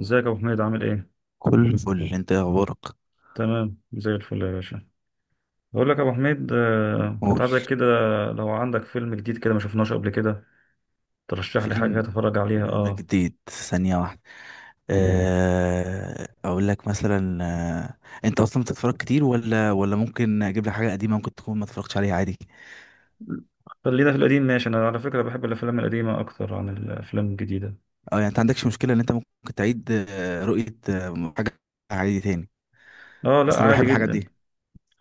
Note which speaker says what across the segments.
Speaker 1: ازيك يا ابو حميد؟ عامل ايه؟
Speaker 2: كله فل. انت؟ يا اخبارك.
Speaker 1: تمام، زي الفل يا باشا. بقول لك يا ابو حميد، كنت
Speaker 2: قول.
Speaker 1: عايزك كده. لو عندك فيلم جديد كده ما شفناش قبل كده، ترشح لي حاجه
Speaker 2: فيلم
Speaker 1: اتفرج عليها.
Speaker 2: فيلم
Speaker 1: اه.
Speaker 2: جديد. ثانية واحدة. اقول لك مثلا. انت اصلا بتتفرج كتير ولا ممكن اجيب لك حاجة قديمة ممكن تكون ما اتفرجتش عليها عادي؟
Speaker 1: خلينا في القديم، ماشي؟ انا على فكره بحب الافلام القديمه اكتر عن الافلام الجديده.
Speaker 2: اه، يعني انت عندكش مشكلة ان انت ممكن تعيد رؤية حاجة عادي تاني؟
Speaker 1: اه،
Speaker 2: اصل
Speaker 1: لا
Speaker 2: انا بحب
Speaker 1: عادي
Speaker 2: الحاجات
Speaker 1: جدا.
Speaker 2: دي.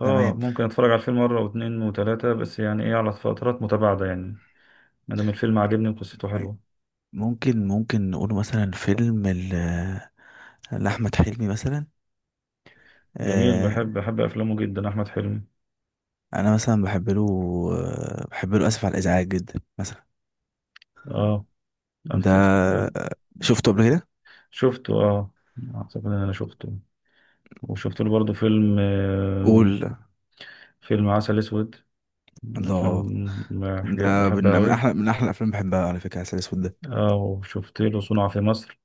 Speaker 1: اه
Speaker 2: تمام.
Speaker 1: ممكن اتفرج على الفيلم مره واتنين وتلاته، بس يعني ايه، على فترات متباعده يعني. ما دام الفيلم عاجبني وقصته حلوه.
Speaker 2: ممكن نقول مثلا لأحمد حلمي مثلا.
Speaker 1: جميل،
Speaker 2: آه،
Speaker 1: بحب افلامه جدا احمد حلمي.
Speaker 2: انا مثلا بحب له. بحب له اسف على الازعاج جدا مثلا.
Speaker 1: اه. أفت- أفت-
Speaker 2: ده
Speaker 1: أفت-
Speaker 2: شفته قبل كده.
Speaker 1: شفته، اه. اعتقد ان انا شفته. وشفت له برضه فيلم.
Speaker 2: قول.
Speaker 1: فيلم عسل اسود. من افلام
Speaker 2: الله، ده من
Speaker 1: بحبها
Speaker 2: من
Speaker 1: قوي.
Speaker 2: احلى من احلى الافلام، بحبها على فكره، عسل اسود ده.
Speaker 1: اه وشفت له صنع في مصر.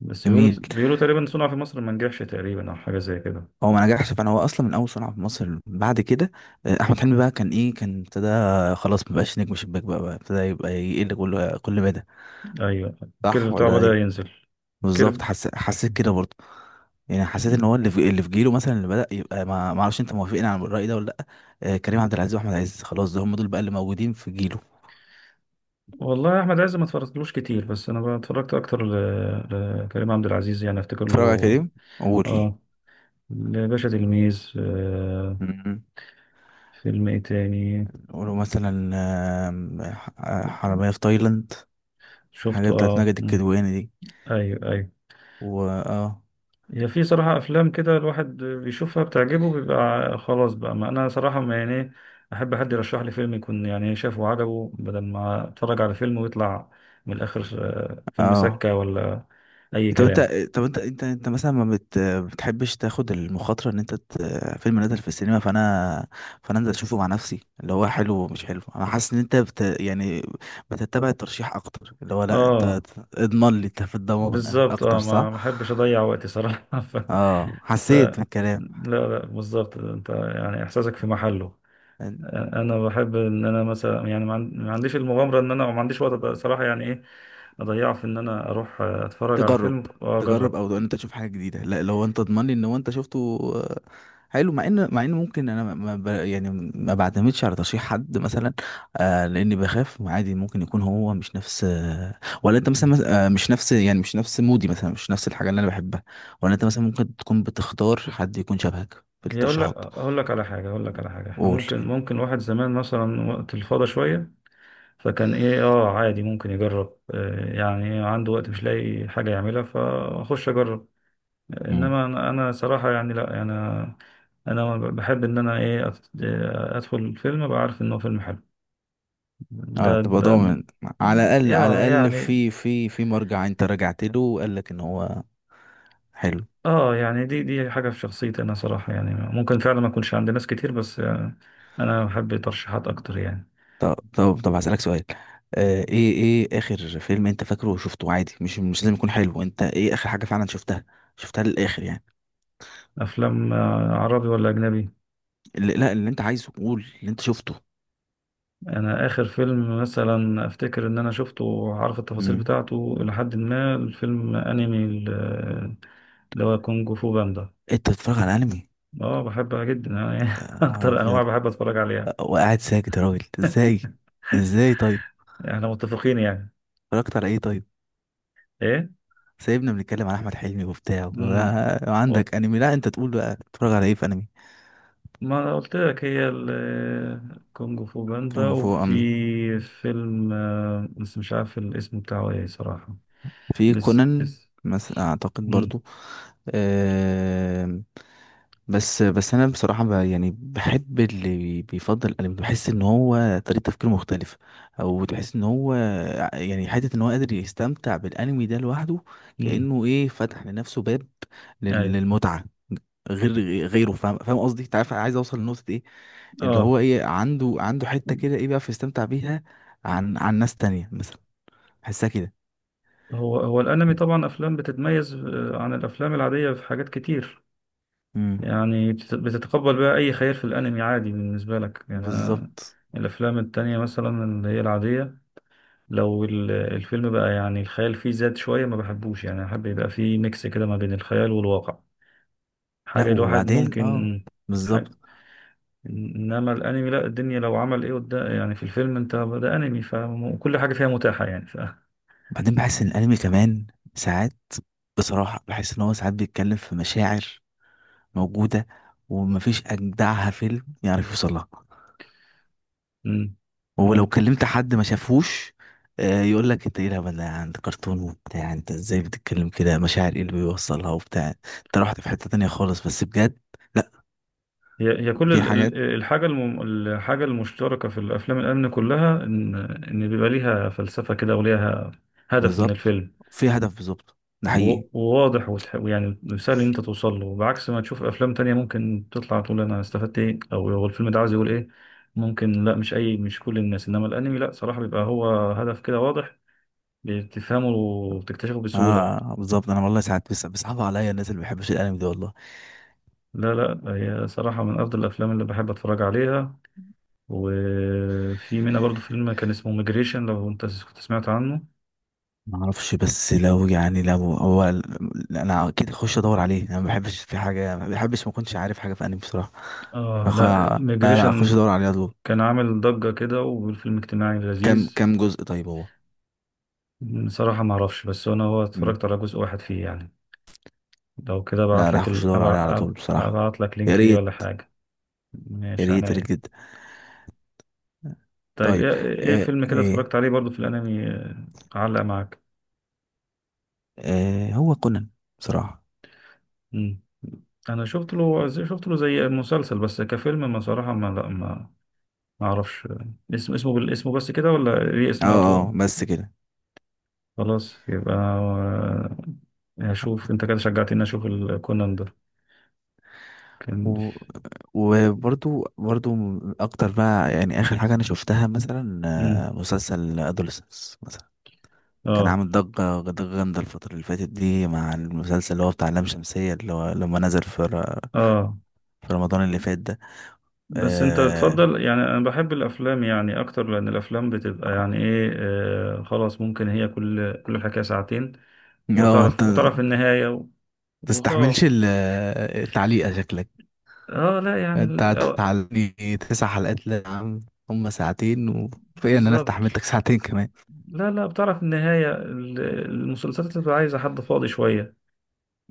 Speaker 1: بس بيقولوا
Speaker 2: جميل.
Speaker 1: بيقولوا تقريبا صنع في مصر ما نجحش، تقريبا، او حاجه زي كده.
Speaker 2: هو ما نجحش، فانا هو اصلا من اول صنع في مصر. بعد كده احمد حلمي بقى كان ايه، كان ابتدى. خلاص ما بقاش نجم شباك، بقى ابتدى يبقى يقل كل مدى.
Speaker 1: ايوه، الكيرف
Speaker 2: صح
Speaker 1: بتاعه
Speaker 2: ولا
Speaker 1: بدأ
Speaker 2: ايه؟
Speaker 1: ينزل. الكيرف.
Speaker 2: بالظبط، حسيت كده برضه. يعني حسيت ان
Speaker 1: مم.
Speaker 2: هو اللي في جيله مثلا اللي بدأ يبقى ما اعرفش، انت موافقين على الرأي ده ولا لا؟ كريم عبد العزيز واحمد عز، خلاص ده هم دول بقى اللي موجودين في جيله.
Speaker 1: والله يا احمد عز ما اتفرجتلوش كتير، بس انا اتفرجت اكتر لكريم عبد العزيز، يعني افتكر
Speaker 2: اتفرج على
Speaker 1: له.
Speaker 2: كريم. قول.
Speaker 1: اه. باشا، تلميذ،
Speaker 2: مم.
Speaker 1: فيلم ايه تاني؟
Speaker 2: ولو مثلا حرامية في تايلاند،
Speaker 1: شفته،
Speaker 2: حاجة بتاعت
Speaker 1: اه.
Speaker 2: ماجد
Speaker 1: مم.
Speaker 2: الكدواني دي.
Speaker 1: ايوه ايوه.
Speaker 2: و اه،
Speaker 1: هي في صراحة أفلام كده الواحد بيشوفها بتعجبه، بيبقى خلاص بقى. ما أنا صراحة، ما يعني إيه، أحب حد يرشح لي فيلم يكون يعني شافه وعجبه، بدل ما أتفرج على فيلم ويطلع من الآخر فيلم
Speaker 2: اه.
Speaker 1: سكة ولا أي
Speaker 2: طب انت،
Speaker 1: كلام.
Speaker 2: طب انت مثلا ما بتحبش تاخد المخاطرة ان انت فيلم نزل في السينما، فانا انزل اشوفه مع نفسي اللي هو حلو ومش حلو. انا حاسس ان انت يعني بتتبع الترشيح اكتر، اللي هو لا انت
Speaker 1: آه،
Speaker 2: اضمن لي، انت في الضمان
Speaker 1: بالظبط.
Speaker 2: اكتر،
Speaker 1: آه،
Speaker 2: صح؟
Speaker 1: ما أحبش أضيع وقتي صراحة.
Speaker 2: اه،
Speaker 1: لا
Speaker 2: حسيت بالكلام.
Speaker 1: لا، بالظبط، أنت يعني إحساسك في محله. أنا بحب إن أنا مثلا، يعني، ما عنديش المغامرة، إن أنا ما عنديش وقت صراحة، يعني إيه اضيعه في ان انا اروح اتفرج على
Speaker 2: تجرب
Speaker 1: فيلم
Speaker 2: تجرب
Speaker 1: واجرب.
Speaker 2: او ان انت تشوف حاجه جديده، لا، لو انت تضمن لي ان هو انت شفته حلو، مع ان ممكن انا ما ما ب... يعني ما بعتمدش على ترشيح حد مثلا. لاني بخاف عادي، ممكن يكون هو مش نفس ولا انت مثلا،
Speaker 1: مم.
Speaker 2: مش نفس، يعني مش نفس مودي مثلا، مش نفس الحاجه اللي انا بحبها. ولا انت مثلا ممكن تكون بتختار حد يكون شبهك في
Speaker 1: هي اقول لك،
Speaker 2: الترشيحات.
Speaker 1: اقول لك على حاجه: احنا
Speaker 2: قول
Speaker 1: ممكن
Speaker 2: يعني.
Speaker 1: ممكن واحد زمان مثلا وقت الفاضي شويه، فكان ايه، اه، عادي ممكن يجرب، يعني عنده وقت مش لاقي حاجه يعملها، فاخش اجرب.
Speaker 2: مم.
Speaker 1: انما أنا صراحه يعني، لا، يعني انا، انا بحب ان انا ايه، ادخل الفيلم ابقى عارف ان هو فيلم حلو.
Speaker 2: اه
Speaker 1: ده
Speaker 2: تبقى
Speaker 1: ده
Speaker 2: ضامن. على الاقل على
Speaker 1: يا
Speaker 2: الاقل،
Speaker 1: يعني،
Speaker 2: في في مرجع انت رجعت له وقال لك ان هو حلو.
Speaker 1: اه يعني دي حاجة في شخصيتي انا صراحة، يعني ممكن فعلا ما اكونش عند ناس كتير، بس انا بحب ترشيحات اكتر يعني.
Speaker 2: طب هسألك سؤال. ايه اخر فيلم انت فاكره وشفته عادي، مش لازم يكون حلو، انت ايه اخر حاجة فعلا شفتها، شفتها للآخر يعني؟
Speaker 1: افلام عربي ولا اجنبي؟
Speaker 2: اللي لا اللي انت عايزه قول، اللي انت شفته.
Speaker 1: انا اخر فيلم مثلا افتكر ان انا شفته وعارف التفاصيل
Speaker 2: امم.
Speaker 1: بتاعته لحد ما، الفيلم انمي، اللي هو كونج فو باندا.
Speaker 2: انت بتتفرج على انمي؟
Speaker 1: اه، بحبها جدا أنا. يعني
Speaker 2: يا نهار
Speaker 1: اكتر انواع
Speaker 2: ابيض!
Speaker 1: بحب اتفرج عليها.
Speaker 2: وقاعد ساكت يا راجل، ازاي؟ ازاي طيب؟
Speaker 1: احنا متفقين يعني؟
Speaker 2: اتفرجت على ايه طيب؟
Speaker 1: ايه؟
Speaker 2: سايبنا بنتكلم على احمد حلمي وبتاع
Speaker 1: امم
Speaker 2: وعندك انمي؟ لا، انت تقول بقى بتتفرج على ايه في انمي؟
Speaker 1: ما انا قلت لك، هي كونج فو باندا،
Speaker 2: كونغ فو.
Speaker 1: وفي فيلم بس مش عارف الاسم بتاعه ايه صراحة.
Speaker 2: في
Speaker 1: لسه
Speaker 2: كونان
Speaker 1: لسه.
Speaker 2: مثلا اعتقد
Speaker 1: مم.
Speaker 2: برضو. آم، بس انا بصراحه ب يعني بحب اللي بيفضل الانمي، بحس ان هو طريقه تفكيره مختلفه. او تحس ان هو يعني حته ان هو قادر يستمتع بالانمي ده لوحده،
Speaker 1: مم.
Speaker 2: كانه ايه فتح لنفسه باب
Speaker 1: ايوه،
Speaker 2: للمتعه، غير غيره. فاهم قصدي، انت عارف عايز اوصل لنقطه ايه. اللي
Speaker 1: اه.
Speaker 2: هو ايه عنده حته كده ايه، بيعرف يستمتع بيها عن ناس تانية مثلا. بحسها كده.
Speaker 1: هو الانمي طبعا افلام بتتميز عن الافلام العادية في حاجات كتير.
Speaker 2: امم.
Speaker 1: يعني بتتقبل بقى اي خيال في الانمي، عادي بالنسبة لك يعني. أنا
Speaker 2: بالظبط.
Speaker 1: الافلام التانية مثلا اللي هي العادية، لو الفيلم بقى يعني الخيال فيه زاد شوية ما بحبوش، يعني احب يبقى فيه ميكس كده ما بين الخيال والواقع،
Speaker 2: لا
Speaker 1: حاجة الواحد
Speaker 2: وبعدين
Speaker 1: ممكن،
Speaker 2: اه.
Speaker 1: حاجة.
Speaker 2: بالظبط.
Speaker 1: إنما الأنمي لا، الدنيا لو عمل إيه قدام، يعني في الفيلم أنت، ده أنمي فكل حاجة فيها متاحة يعني. ف
Speaker 2: وبعدين بحس ان الانمي كمان ساعات، بصراحة بحس ان هو ساعات بيتكلم في مشاعر موجودة، ومفيش اجدعها فيلم يعرف يوصلها.
Speaker 1: مم.
Speaker 2: ولو
Speaker 1: ممكن.
Speaker 2: كلمت حد ما شافهوش، يقول لك انت ايه الهبل ده، عند كرتون وبتاع، انت ازاي بتتكلم كده، مشاعر ايه اللي بيوصلها وبتاع، انت رحت في حتة تانية خالص. بس بجد، لا،
Speaker 1: هي كل
Speaker 2: في حاجات.
Speaker 1: الحاجة الحاجة المشتركة في الأفلام الأمن كلها، إن إن بيبقى ليها فلسفة كده، وليها هدف من
Speaker 2: بالظبط.
Speaker 1: الفيلم،
Speaker 2: في هدف، بالظبط، ده حقيقي.
Speaker 1: وواضح يعني سهل ان انت توصل له، بعكس ما تشوف افلام تانية ممكن تطلع تقول انا استفدت ايه، او هو الفيلم ده عايز يقول ايه. ممكن، لا، مش كل الناس. انما الانمي، لا، صراحة بيبقى هو هدف كده واضح، بتفهمه وبتكتشفه بسهولة.
Speaker 2: اه بالظبط، انا والله ساعات بس بيصعب عليا الناس اللي ما بيحبش الانمي ده والله.
Speaker 1: لا لا، هي صراحة من افضل الافلام اللي بحب اتفرج عليها. وفي منها برضو فيلم كان اسمه ميجريشن، لو انت كنت سمعت عنه.
Speaker 2: ما اعرفش، بس لو يعني لو هو، لا، انا اكيد اخش ادور عليه. انا ما بحبش في حاجه، ما بحبش ما اكونش عارف حاجه في انمي بصراحه.
Speaker 1: اه، لا،
Speaker 2: لا، لا،
Speaker 1: ميجريشن.
Speaker 2: اخش ادور عليه على طول.
Speaker 1: كان عامل ضجة كده، والفيلم اجتماعي
Speaker 2: كم
Speaker 1: لذيذ.
Speaker 2: كم جزء طيب هو؟
Speaker 1: بصراحة ما اعرفش، بس انا هو
Speaker 2: مم.
Speaker 1: اتفرجت على جزء واحد فيه يعني. لو كده ابعت
Speaker 2: لا، لا،
Speaker 1: لك
Speaker 2: اخش ادور عليه على طول بصراحه.
Speaker 1: ابعت لك
Speaker 2: يا
Speaker 1: لينك ليه ولا
Speaker 2: ريت.
Speaker 1: حاجة.
Speaker 2: يا
Speaker 1: ماشي،
Speaker 2: ريت، يا ريت
Speaker 1: عينيا.
Speaker 2: جدا.
Speaker 1: طيب
Speaker 2: طيب،
Speaker 1: ايه، فيلم كده اتفرجت
Speaker 2: ايه؟
Speaker 1: عليه برضو في الانمي، علق معاك؟
Speaker 2: هو كونان بصراحه.
Speaker 1: مم. انا شفت له شفت له زي مسلسل، بس كفيلم، ما صراحة، ما لا ما ما اعرفش. اسمه بالاسم بس كده، ولا ليه
Speaker 2: اه،
Speaker 1: اسم اطول؟
Speaker 2: اه، بس كده.
Speaker 1: خلاص يبقى هشوف. انت كده شجعتني اشوف الكونان ده. كان.
Speaker 2: و... برضو اكتر بقى، يعني اخر حاجه انا شفتها مثلا
Speaker 1: مم.
Speaker 2: مسلسل ادولسنس. كان
Speaker 1: اه
Speaker 2: عامل ضجة جامدة الفترة اللي فاتت دي، مع المسلسل اللي هو بتاع لام شمسية، اللي هو لما نزل
Speaker 1: اه.
Speaker 2: في رمضان اللي فات ده.
Speaker 1: بس انت
Speaker 2: اه.
Speaker 1: تفضل يعني. انا بحب الافلام يعني اكتر، لان الافلام بتبقى يعني ايه، آه، خلاص ممكن هي كل الحكايه ساعتين،
Speaker 2: انت
Speaker 1: وتعرف النهايه وخلاص.
Speaker 2: تستحملش التعليقة شكلك.
Speaker 1: اه لا، يعني
Speaker 2: انت
Speaker 1: أو-
Speaker 2: هتعلقني 9 حلقات؟ لا يا عم، هما ساعتين وفي ان انا
Speaker 1: بالظبط.
Speaker 2: استحملتك ساعتين كمان.
Speaker 1: لا لا، بتعرف النهايه. المسلسلات بتبقى عايزه حد فاضي شويه،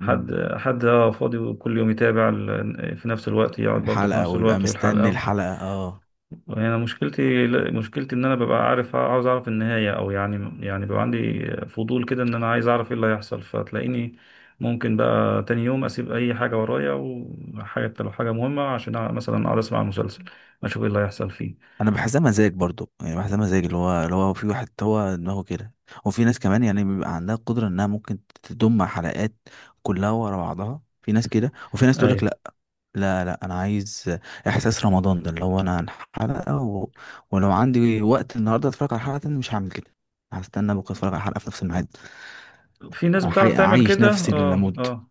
Speaker 1: حد، حد اه فاضي، وكل يوم يتابع في نفس الوقت، يقعد برضه في
Speaker 2: الحلقة،
Speaker 1: نفس
Speaker 2: ويبقى
Speaker 1: الوقت
Speaker 2: مستني
Speaker 1: والحلقه.
Speaker 2: الحلقة، اه.
Speaker 1: يعني انا مشكلتي، مشكلتي ان انا ببقى عارف، عاوز اعرف النهايه، او يعني، يعني بيبقى عندي فضول كده، ان انا عايز اعرف ايه اللي هيحصل، فتلاقيني ممكن بقى تاني يوم اسيب اي حاجه ورايا، وحاجه، لو حاجه مهمه، عشان مثلا اقعد اسمع المسلسل، اشوف ايه اللي هيحصل فيه.
Speaker 2: انا بحسها مزاج برضو، يعني بحسها مزاج، اللي هو في واحد هو دماغه كده، وفي ناس كمان يعني بيبقى عندها قدرة انها ممكن تضم حلقات كلها ورا بعضها. في ناس كده وفي ناس تقول لك
Speaker 1: ايوه.
Speaker 2: لا. لا، لا، انا عايز احساس رمضان ده، اللي هو انا عن حلقة. ولو عندي وقت النهارده اتفرج على حلقة تانية مش هعمل كده، هستنى بكره اتفرج على حلقة في نفس الميعاد.
Speaker 1: في ناس بتعرف تعمل
Speaker 2: اعيش
Speaker 1: كده،
Speaker 2: نفسي
Speaker 1: اه
Speaker 2: للموت.
Speaker 1: اه.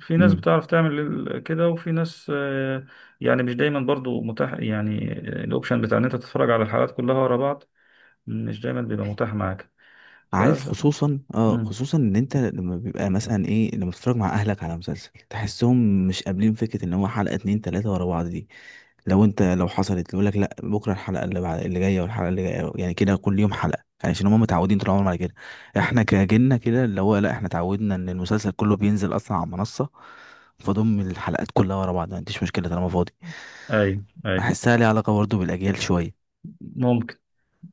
Speaker 1: في ناس بتعرف تعمل كده، وفي ناس يعني مش دايما برضو متاح يعني، الاوبشن بتاع ان انت تتفرج على الحلقات كلها ورا بعض، مش دايما بيبقى متاح معاك. ف...
Speaker 2: عارف، خصوصا خصوصا ان انت لما بيبقى مثلا ايه، لما تتفرج مع اهلك على مسلسل تحسهم مش قابلين فكره ان هو حلقه اتنين تلاته ورا بعض دي. لو حصلت يقول لك لا بكره الحلقه اللي بعد اللي جايه والحلقه اللي جايه، يعني كده كل يوم حلقه، يعني عشان هم متعودين طول عمرهم على كده. احنا كجيلنا كده اللي هو لا، احنا اتعودنا ان المسلسل كله بينزل اصلا على منصه، فضم الحلقات كلها ورا بعض ما عنديش مشكله طالما فاضي.
Speaker 1: اي اي.
Speaker 2: بحسها ليها علاقه برضه بالاجيال شويه.
Speaker 1: ممكن،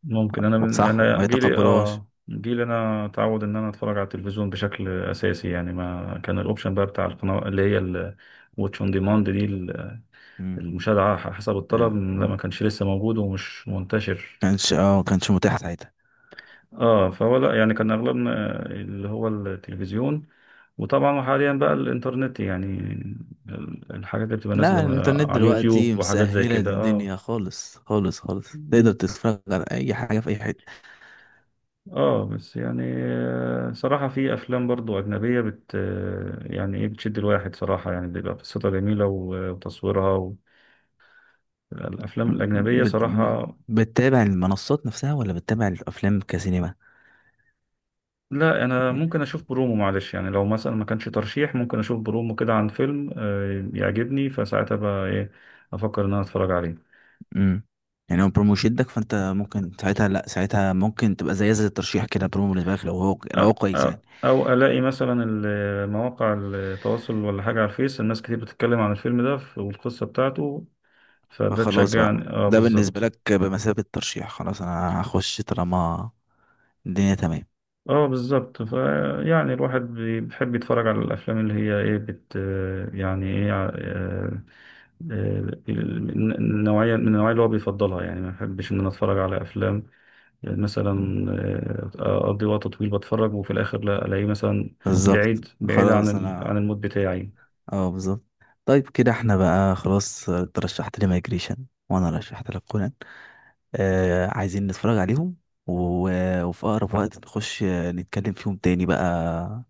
Speaker 2: صح، ما
Speaker 1: انا جيلي،
Speaker 2: يتقبلوهاش.
Speaker 1: اه، جيلي انا اتعود ان انا اتفرج على التلفزيون بشكل اساسي، يعني ما كان الاوبشن بقى بتاع القناه اللي هي الواتش اون ديماند دي،
Speaker 2: امم.
Speaker 1: المشاهده على حسب الطلب،
Speaker 2: ال-
Speaker 1: لا ما كانش لسه موجود ومش منتشر.
Speaker 2: كانش متاح ساعتها.
Speaker 1: اه، فهو لا يعني كان اغلبنا اللي هو التلفزيون. وطبعا حاليا بقى الانترنت يعني، الحاجات اللي بتبقى
Speaker 2: لا،
Speaker 1: نازله
Speaker 2: الانترنت
Speaker 1: على
Speaker 2: دلوقتي
Speaker 1: اليوتيوب وحاجات زي
Speaker 2: مسهلة
Speaker 1: كده. اه
Speaker 2: الدنيا، خالص خالص خالص تقدر تتفرج على اي حاجة في اي حتة.
Speaker 1: اه، بس يعني صراحة في أفلام برضو أجنبية بت آه، يعني إيه، بتشد الواحد صراحة، يعني بيبقى قصتها جميلة، وتصويرها الأفلام الأجنبية
Speaker 2: بت... ب-
Speaker 1: صراحة.
Speaker 2: بتتابع المنصات نفسها ولا بتتابع الافلام كسينما؟
Speaker 1: لا، أنا ممكن أشوف برومو، معلش يعني، لو مثلا ما كانش ترشيح، ممكن أشوف برومو كده عن فيلم، يعجبني، فساعتها بقى إيه، أفكر إن أنا أتفرج عليه.
Speaker 2: امم. يعني هو برومو شدك، فانت ممكن ساعتها لا، ساعتها ممكن تبقى زي الترشيح كده، برومو بالنسبة لك لو هو
Speaker 1: أ-
Speaker 2: كويس
Speaker 1: أ-
Speaker 2: يعني.
Speaker 1: أو ألاقي مثلا مواقع التواصل ولا حاجة على الفيس، الناس كتير بتتكلم عن الفيلم ده والقصة بتاعته، فده
Speaker 2: فخلاص بقى،
Speaker 1: تشجعني، اه
Speaker 2: ده بالنسبة
Speaker 1: بالظبط.
Speaker 2: لك بمثابة ترشيح، خلاص انا هخش طالما الدنيا تمام.
Speaker 1: اه بالظبط. ف يعني الواحد بيحب يتفرج على الافلام اللي هي ايه، يعني ايه النوعيه، من النوعيه اللي هو بيفضلها، يعني ما بحبش ان انا اتفرج على افلام يعني مثلا
Speaker 2: مم.
Speaker 1: اقضي وقت طويل بتفرج، وفي الاخر لا الاقيه مثلا
Speaker 2: بالظبط.
Speaker 1: بعيد بعيد عن
Speaker 2: خلاص انا
Speaker 1: عن المود بتاعي.
Speaker 2: اه، بالظبط. طيب كده احنا بقى خلاص، ترشحت لي مايجريشن، وانا رشحت لك كونان. عايزين نتفرج عليهم وفي اقرب وقت نخش نتكلم فيهم تاني بقى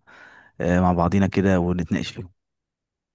Speaker 2: مع بعضينا كده ونتناقش فيهم.